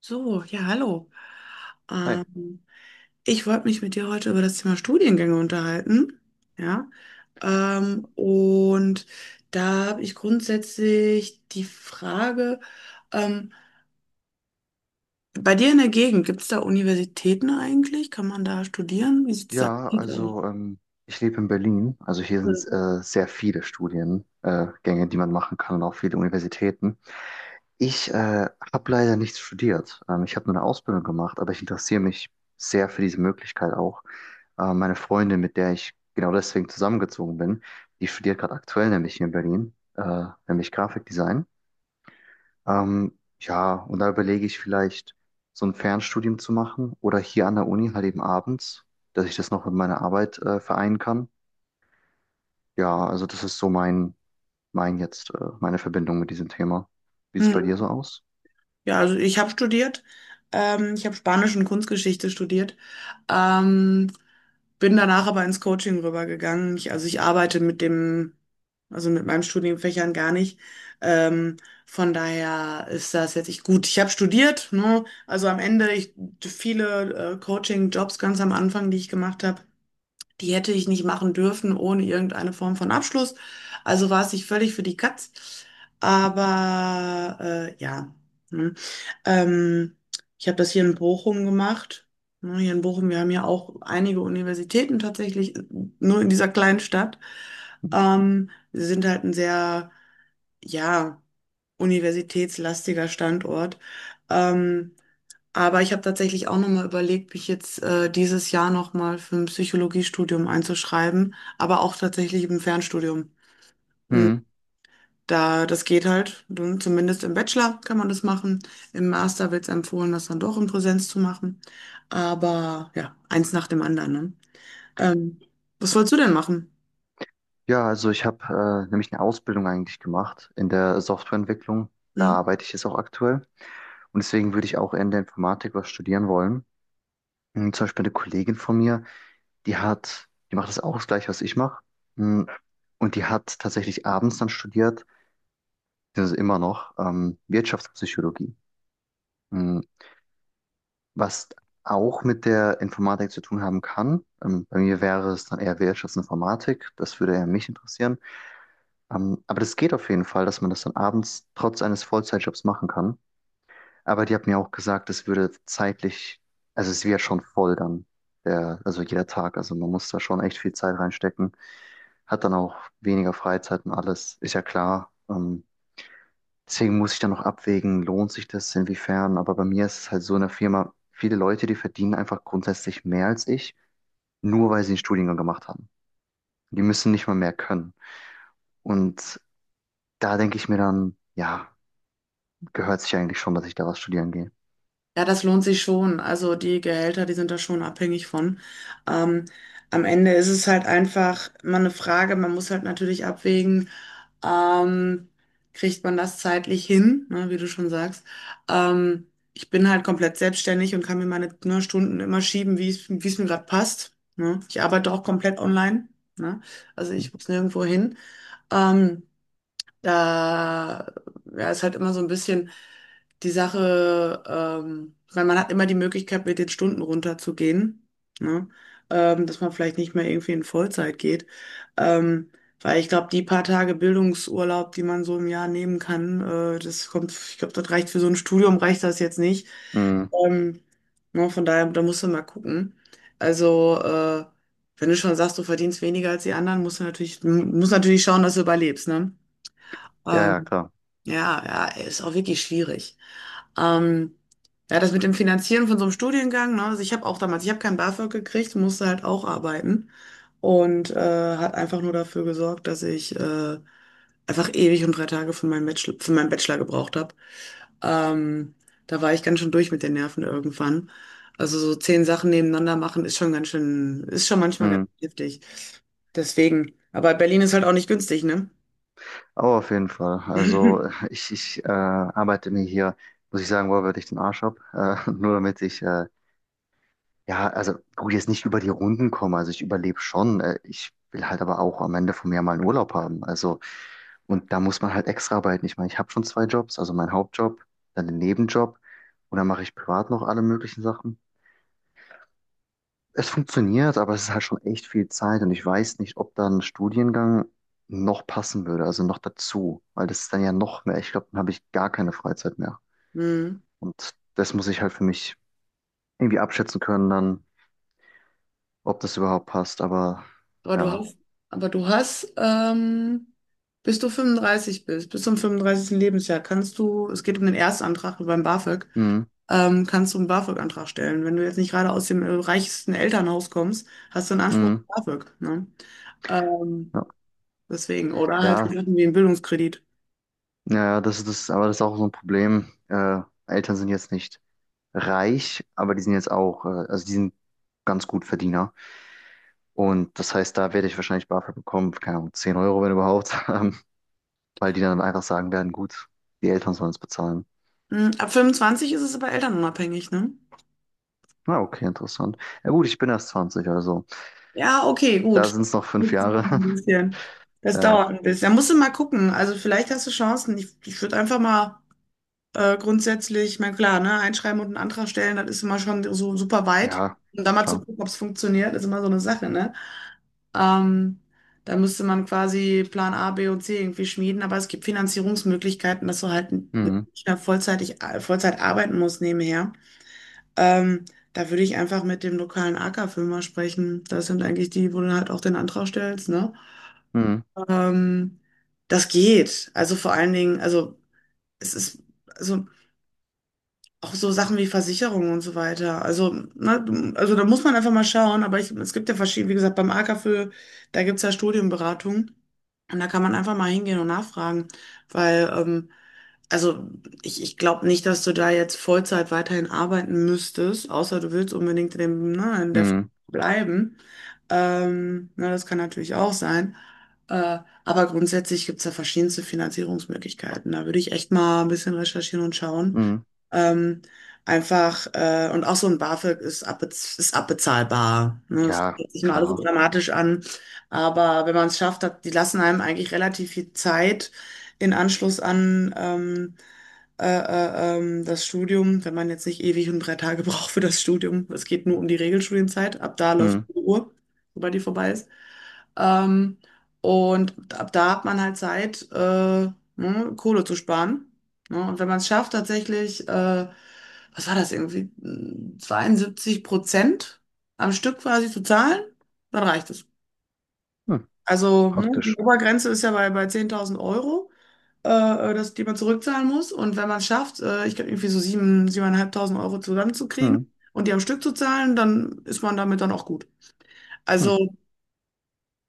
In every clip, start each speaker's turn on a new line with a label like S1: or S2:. S1: So, ja, hallo.
S2: Hi.
S1: Ähm, ich wollte mich mit dir heute über das Thema Studiengänge unterhalten. Ja. Und da habe ich grundsätzlich die Frage, ähm, bei dir in der Gegend, gibt es da Universitäten eigentlich? Kann man da studieren? Wie sieht es da
S2: Ja,
S1: aus?
S2: also ich lebe in Berlin. Also hier sind sehr viele Studiengänge, die man machen kann, und auch viele Universitäten. Ich habe leider nichts studiert. Ich habe nur eine Ausbildung gemacht, aber ich interessiere mich sehr für diese Möglichkeit auch. Meine Freundin, mit der ich genau deswegen zusammengezogen bin, die studiert gerade aktuell nämlich hier in Berlin, nämlich Grafikdesign. Ja, und da überlege ich vielleicht, so ein Fernstudium zu machen oder hier an der Uni halt eben abends, dass ich das noch mit meiner Arbeit vereinen kann. Ja, also das ist so meine Verbindung mit diesem Thema. Wie sieht es bei dir
S1: Hm.
S2: so aus?
S1: Ja, also ich habe studiert. Ich habe Spanisch und Kunstgeschichte studiert. Ähm, bin danach aber ins Coaching rübergegangen. Also ich arbeite mit dem, also mit meinen Studienfächern gar nicht. Ähm, von daher ist das jetzt ich gut. Ich habe studiert, ne? Viele Coaching-Jobs ganz am Anfang, die ich gemacht habe. Die hätte ich nicht machen dürfen ohne irgendeine Form von Abschluss. Also war es sich völlig für die Katz. Aber ja. Hm. Ähm, ich habe das hier in Bochum gemacht. Ne, hier in Bochum, wir haben ja auch einige Universitäten tatsächlich, nur in dieser kleinen Stadt. Wir sind halt ein sehr, ja, universitätslastiger Standort. Ähm, aber ich habe tatsächlich auch nochmal überlegt, mich jetzt dieses Jahr nochmal für ein Psychologiestudium einzuschreiben, aber auch tatsächlich im Fernstudium. Und
S2: Hm.
S1: Da, das geht halt, zumindest im Bachelor kann man das machen. Im Master wird es empfohlen, das dann doch in Präsenz zu machen. Aber ja, eins nach dem anderen, ne? Ähm, was wolltest du denn machen?
S2: Ja, also ich habe nämlich eine Ausbildung eigentlich gemacht in der Softwareentwicklung. Da
S1: Hm?
S2: arbeite ich jetzt auch aktuell. Und deswegen würde ich auch in der Informatik was studieren wollen. Hm, zum Beispiel eine Kollegin von mir, die macht das auch, das Gleiche, was ich mache. Mm, und die hat tatsächlich abends dann studiert, das ist immer noch, Wirtschaftspsychologie, mm, was auch mit der Informatik zu tun haben kann. Bei mir wäre es dann eher Wirtschaftsinformatik, das würde eher mich interessieren. Aber das geht auf jeden Fall, dass man das dann abends trotz eines Vollzeitjobs machen kann. Aber die hat mir auch gesagt, es würde zeitlich, also es wäre schon voll dann, also jeder Tag. Also man muss da schon echt viel Zeit reinstecken. Hat dann auch weniger Freizeit und alles, ist ja klar. Deswegen muss ich dann noch abwägen, lohnt sich das, inwiefern. Aber bei mir ist es halt so in der Firma, viele Leute, die verdienen einfach grundsätzlich mehr als ich, nur weil sie einen Studiengang gemacht haben. Die müssen nicht mal mehr können. Und da denke ich mir dann, ja, gehört sich eigentlich schon, dass ich da was studieren gehe.
S1: Ja, das lohnt sich schon. Also die Gehälter, die sind da schon abhängig von. Ähm, am Ende ist es halt einfach mal eine Frage, man muss halt natürlich abwägen, ähm, kriegt man das zeitlich hin, ne, wie du schon sagst. Ähm, ich bin halt komplett selbstständig und kann mir meine, ne, Stunden immer schieben, wie es mir gerade passt. Ne? Ich arbeite auch komplett online. Ne? Also ich muss nirgendwo hin. Ähm, da ja, ist halt immer so ein bisschen die Sache, weil man hat immer die Möglichkeit, mit den Stunden runterzugehen, ne? Dass man vielleicht nicht mehr irgendwie in Vollzeit geht. Ähm, weil ich glaube, die paar Tage Bildungsurlaub, die man so im Jahr nehmen kann, das kommt, ich glaube, das reicht für so ein Studium, reicht das jetzt nicht.
S2: Mm,
S1: Ähm, ne, von daher, da musst du mal gucken. Also, wenn du schon sagst, du verdienst weniger als die anderen, musst du natürlich, musst natürlich schauen, dass du überlebst, ne?
S2: ja, ja,
S1: Ähm,
S2: klar.
S1: ja, ja, ist auch wirklich schwierig. Ähm, ja, das mit dem Finanzieren von so einem Studiengang, ne? Also ich habe auch damals, ich habe kein BAföG gekriegt, musste halt auch arbeiten und hat einfach nur dafür gesorgt, dass ich einfach ewig und drei Tage für meinen Bachelor gebraucht habe. Ähm, da war ich ganz schön durch mit den Nerven irgendwann. Also so 10 Sachen nebeneinander machen ist schon ganz schön, ist schon manchmal ganz
S2: Mm,
S1: heftig. Deswegen. Aber Berlin ist halt auch nicht günstig, ne?
S2: aber auf jeden Fall. Also ich arbeite mir hier, muss ich sagen, wo würde ich den Arsch ab, nur damit ich ja, also gut, jetzt nicht über die Runden kommen. Also ich überlebe schon. Ich will halt aber auch am Ende vom Jahr mal einen Urlaub haben. Also, und da muss man halt extra arbeiten. Ich meine, ich habe schon 2 Jobs, also meinen Hauptjob, dann den Nebenjob, und dann mache ich privat noch alle möglichen Sachen. Es funktioniert, aber es ist halt schon echt viel Zeit, und ich weiß nicht, ob da ein Studiengang noch passen würde, also noch dazu, weil das ist dann ja noch mehr. Ich glaube, dann habe ich gar keine Freizeit mehr.
S1: Hm.
S2: Und das muss ich halt für mich irgendwie abschätzen können, dann, ob das überhaupt passt. Aber
S1: Aber du
S2: ja.
S1: hast, aber du hast, bis du 35 bist, bis zum 35. Lebensjahr, kannst du, es geht um den Erstantrag beim BAföG,
S2: Mhm.
S1: kannst du einen BAföG-Antrag stellen. Wenn du jetzt nicht gerade aus dem reichsten Elternhaus kommst, hast du einen Anspruch
S2: Mhm.
S1: auf BAföG, ne? Ähm,
S2: Ja,
S1: deswegen, oder halt
S2: ja,
S1: irgendwie einen Bildungskredit.
S2: naja, das ist das, aber das ist auch so ein Problem. Eltern sind jetzt nicht reich, aber die sind jetzt auch, also die sind ganz gut Verdiener. Und das heißt, da werde ich wahrscheinlich BAföG bekommen, keine Ahnung, 10 Euro, wenn überhaupt, weil die dann einfach sagen werden, gut, die Eltern sollen es bezahlen.
S1: Hm, ab 25 ist es aber elternunabhängig, ne?
S2: Na, okay, interessant. Ja, gut, ich bin erst 20, also
S1: Ja, okay,
S2: da
S1: gut.
S2: sind es noch fünf
S1: Jetzt
S2: Jahre.
S1: noch ein bisschen. Das dauert
S2: Ja,
S1: ein bisschen. Da musst du mal gucken. Also vielleicht hast du Chancen. Ich würde einfach mal grundsätzlich, ich meine, klar, ne, einschreiben und einen Antrag stellen, das ist immer schon so super weit.
S2: ja,
S1: Und da mal zu
S2: klar.
S1: gucken, ob es funktioniert, ist immer so eine Sache, ne? Ähm, da müsste man quasi Plan A, B und C irgendwie schmieden, aber es gibt Finanzierungsmöglichkeiten, dass du halt
S2: Mhm.
S1: nicht mehr vollzeitig, Vollzeit arbeiten musst nebenher. Ähm, da würde ich einfach mit dem lokalen AK-Firma sprechen. Das sind eigentlich die, wo du halt auch den Antrag stellst, ne?
S2: Mhm.
S1: Ähm, das geht. Also vor allen Dingen, also es ist. Also auch so Sachen wie Versicherungen und so weiter. Also, ne, also da muss man einfach mal schauen. Aber ich, es gibt ja verschiedene, wie gesagt, beim AKFÖ, da gibt es ja Studienberatung. Und da kann man einfach mal hingehen und nachfragen. Weil, also ich glaube nicht, dass du da jetzt Vollzeit weiterhin arbeiten müsstest, außer du willst unbedingt in dem, ne, in der Firma
S2: Mhm.
S1: bleiben. Ne, das kann natürlich auch sein. Äh, aber grundsätzlich gibt es da verschiedenste Finanzierungsmöglichkeiten. Da würde ich echt mal ein bisschen recherchieren und schauen.
S2: Mhm.
S1: Ähm, einfach, und auch so ein BAföG ist, abbez ist abbezahlbar. Ne? Das
S2: Ja,
S1: hört sich immer alles so
S2: klar.
S1: dramatisch an. Aber wenn man es schafft, hat, die lassen einem eigentlich relativ viel Zeit in Anschluss an das Studium, wenn man jetzt nicht ewig und drei Tage braucht für das Studium. Es geht nur um die Regelstudienzeit. Ab da läuft
S2: Mhm.
S1: die Uhr, sobald die vorbei ist. Ähm, und ab da hat man halt Zeit, ne, Kohle zu sparen. Ne? Und wenn man es schafft, tatsächlich, was war das irgendwie, 72% am Stück quasi zu zahlen, dann reicht es.
S2: Mhm.
S1: Also, ne, die
S2: Praktisch.
S1: Obergrenze ist ja bei 10.000 Euro, äh, das, die man zurückzahlen muss. Und wenn man es schafft, ich glaube, irgendwie so 7, 7.500 Euro zusammenzukriegen
S2: Mhm.
S1: und die am Stück zu zahlen, dann ist man damit dann auch gut.
S2: Mhm.
S1: Also,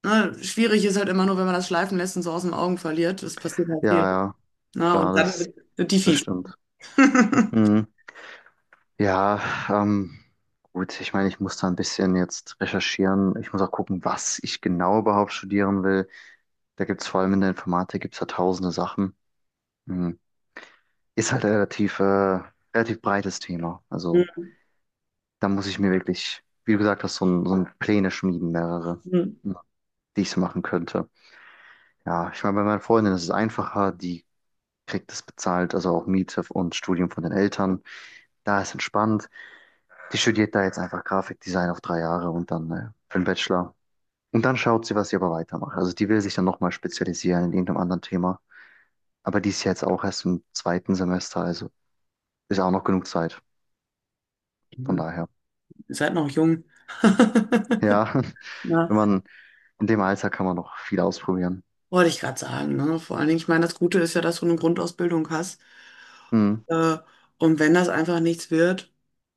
S1: ne, schwierig ist halt immer nur, wenn man das schleifen lässt und so aus den Augen verliert. Das passiert halt
S2: Ja,
S1: viel.
S2: ja,
S1: Na,
S2: klar,
S1: und dann sind die
S2: das
S1: fies.
S2: stimmt. Mhm. Ja, ähm, gut, ich meine, ich muss da ein bisschen jetzt recherchieren. Ich muss auch gucken, was ich genau überhaupt studieren will. Da gibt's vor allem in der Informatik, gibt's da tausende Sachen. Mhm. Ist halt relativ, relativ breites Thema. Also da muss ich mir wirklich, wie du gesagt hast, so ein Pläne schmieden, mehrere, mhm, die ich so machen könnte. Ja, ich meine, bei meiner Freundin ist es einfacher, die kriegt es bezahlt, also auch Miete und Studium von den Eltern. Da ist entspannt. Die studiert da jetzt einfach Grafikdesign auf 3 Jahre, und dann für den Bachelor. Und dann schaut sie, was sie aber weitermacht. Also die will sich dann nochmal spezialisieren in irgendeinem anderen Thema. Aber die ist ja jetzt auch erst im 2. Semester, also ist auch noch genug Zeit. Von
S1: Mhm.
S2: daher.
S1: Ihr seid noch jung.
S2: Ja,
S1: Na,
S2: wenn man in dem Alter kann man noch viel ausprobieren.
S1: wollte ich gerade sagen. Ne? Vor allen Dingen, ich meine, das Gute ist ja, dass du eine Grundausbildung hast.
S2: Hm.
S1: Äh, und wenn das einfach nichts wird,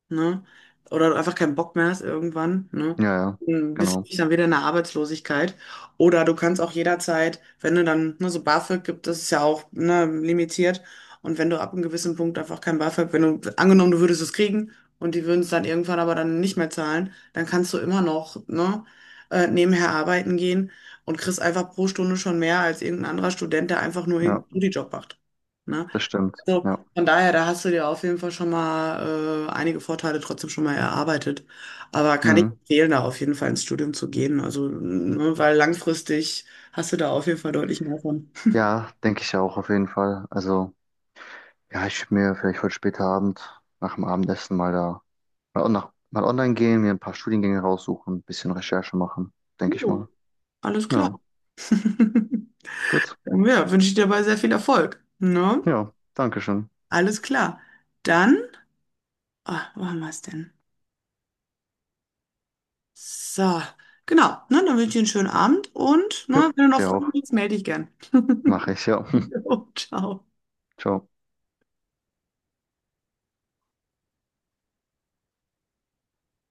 S1: ne? Oder du einfach keinen Bock mehr hast irgendwann, ne?
S2: Ja, ja,
S1: Dann bist
S2: genau.
S1: du dann wieder in der Arbeitslosigkeit. Oder du kannst auch jederzeit, wenn du dann, ne, so BAföG gibt, das ist ja auch, ne, limitiert. Und wenn du ab einem gewissen Punkt einfach kein BAföG, wenn du, angenommen, du würdest es kriegen und die würden es dann irgendwann aber dann nicht mehr zahlen, dann kannst du immer noch, ne, nebenher arbeiten gehen und kriegst einfach pro Stunde schon mehr als irgendein anderer Student, der einfach nur
S2: Ja,
S1: irgendeinen Studijob macht. Ne?
S2: das stimmt.
S1: Also
S2: Ja.
S1: von daher, da hast du dir auf jeden Fall schon mal einige Vorteile trotzdem schon mal erarbeitet. Aber kann ich
S2: Hm.
S1: empfehlen, da auf jeden Fall ins Studium zu gehen. Also, ne, weil langfristig hast du da auf jeden Fall deutlich mehr von.
S2: Ja, denke ich auch auf jeden Fall. Also, ja, ich würde mir vielleicht heute später Abend nach dem Abendessen mal da mal online gehen, mir ein paar Studiengänge raussuchen, ein bisschen Recherche machen, denke ich
S1: Jo,
S2: mal.
S1: alles klar.
S2: Ja, gut.
S1: Dann ja, wünsche ich dir dabei sehr viel Erfolg. Ne?
S2: Ja, danke schön.
S1: Alles klar. Dann, ah, wo haben wir es denn? So, genau. Ne, dann wünsche ich dir einen schönen Abend und
S2: Jo,
S1: ne, wenn du noch
S2: dir
S1: Fragen
S2: auch.
S1: hast, melde dich gern.
S2: Mache ich, ja.
S1: Jo, ciao.
S2: Ciao.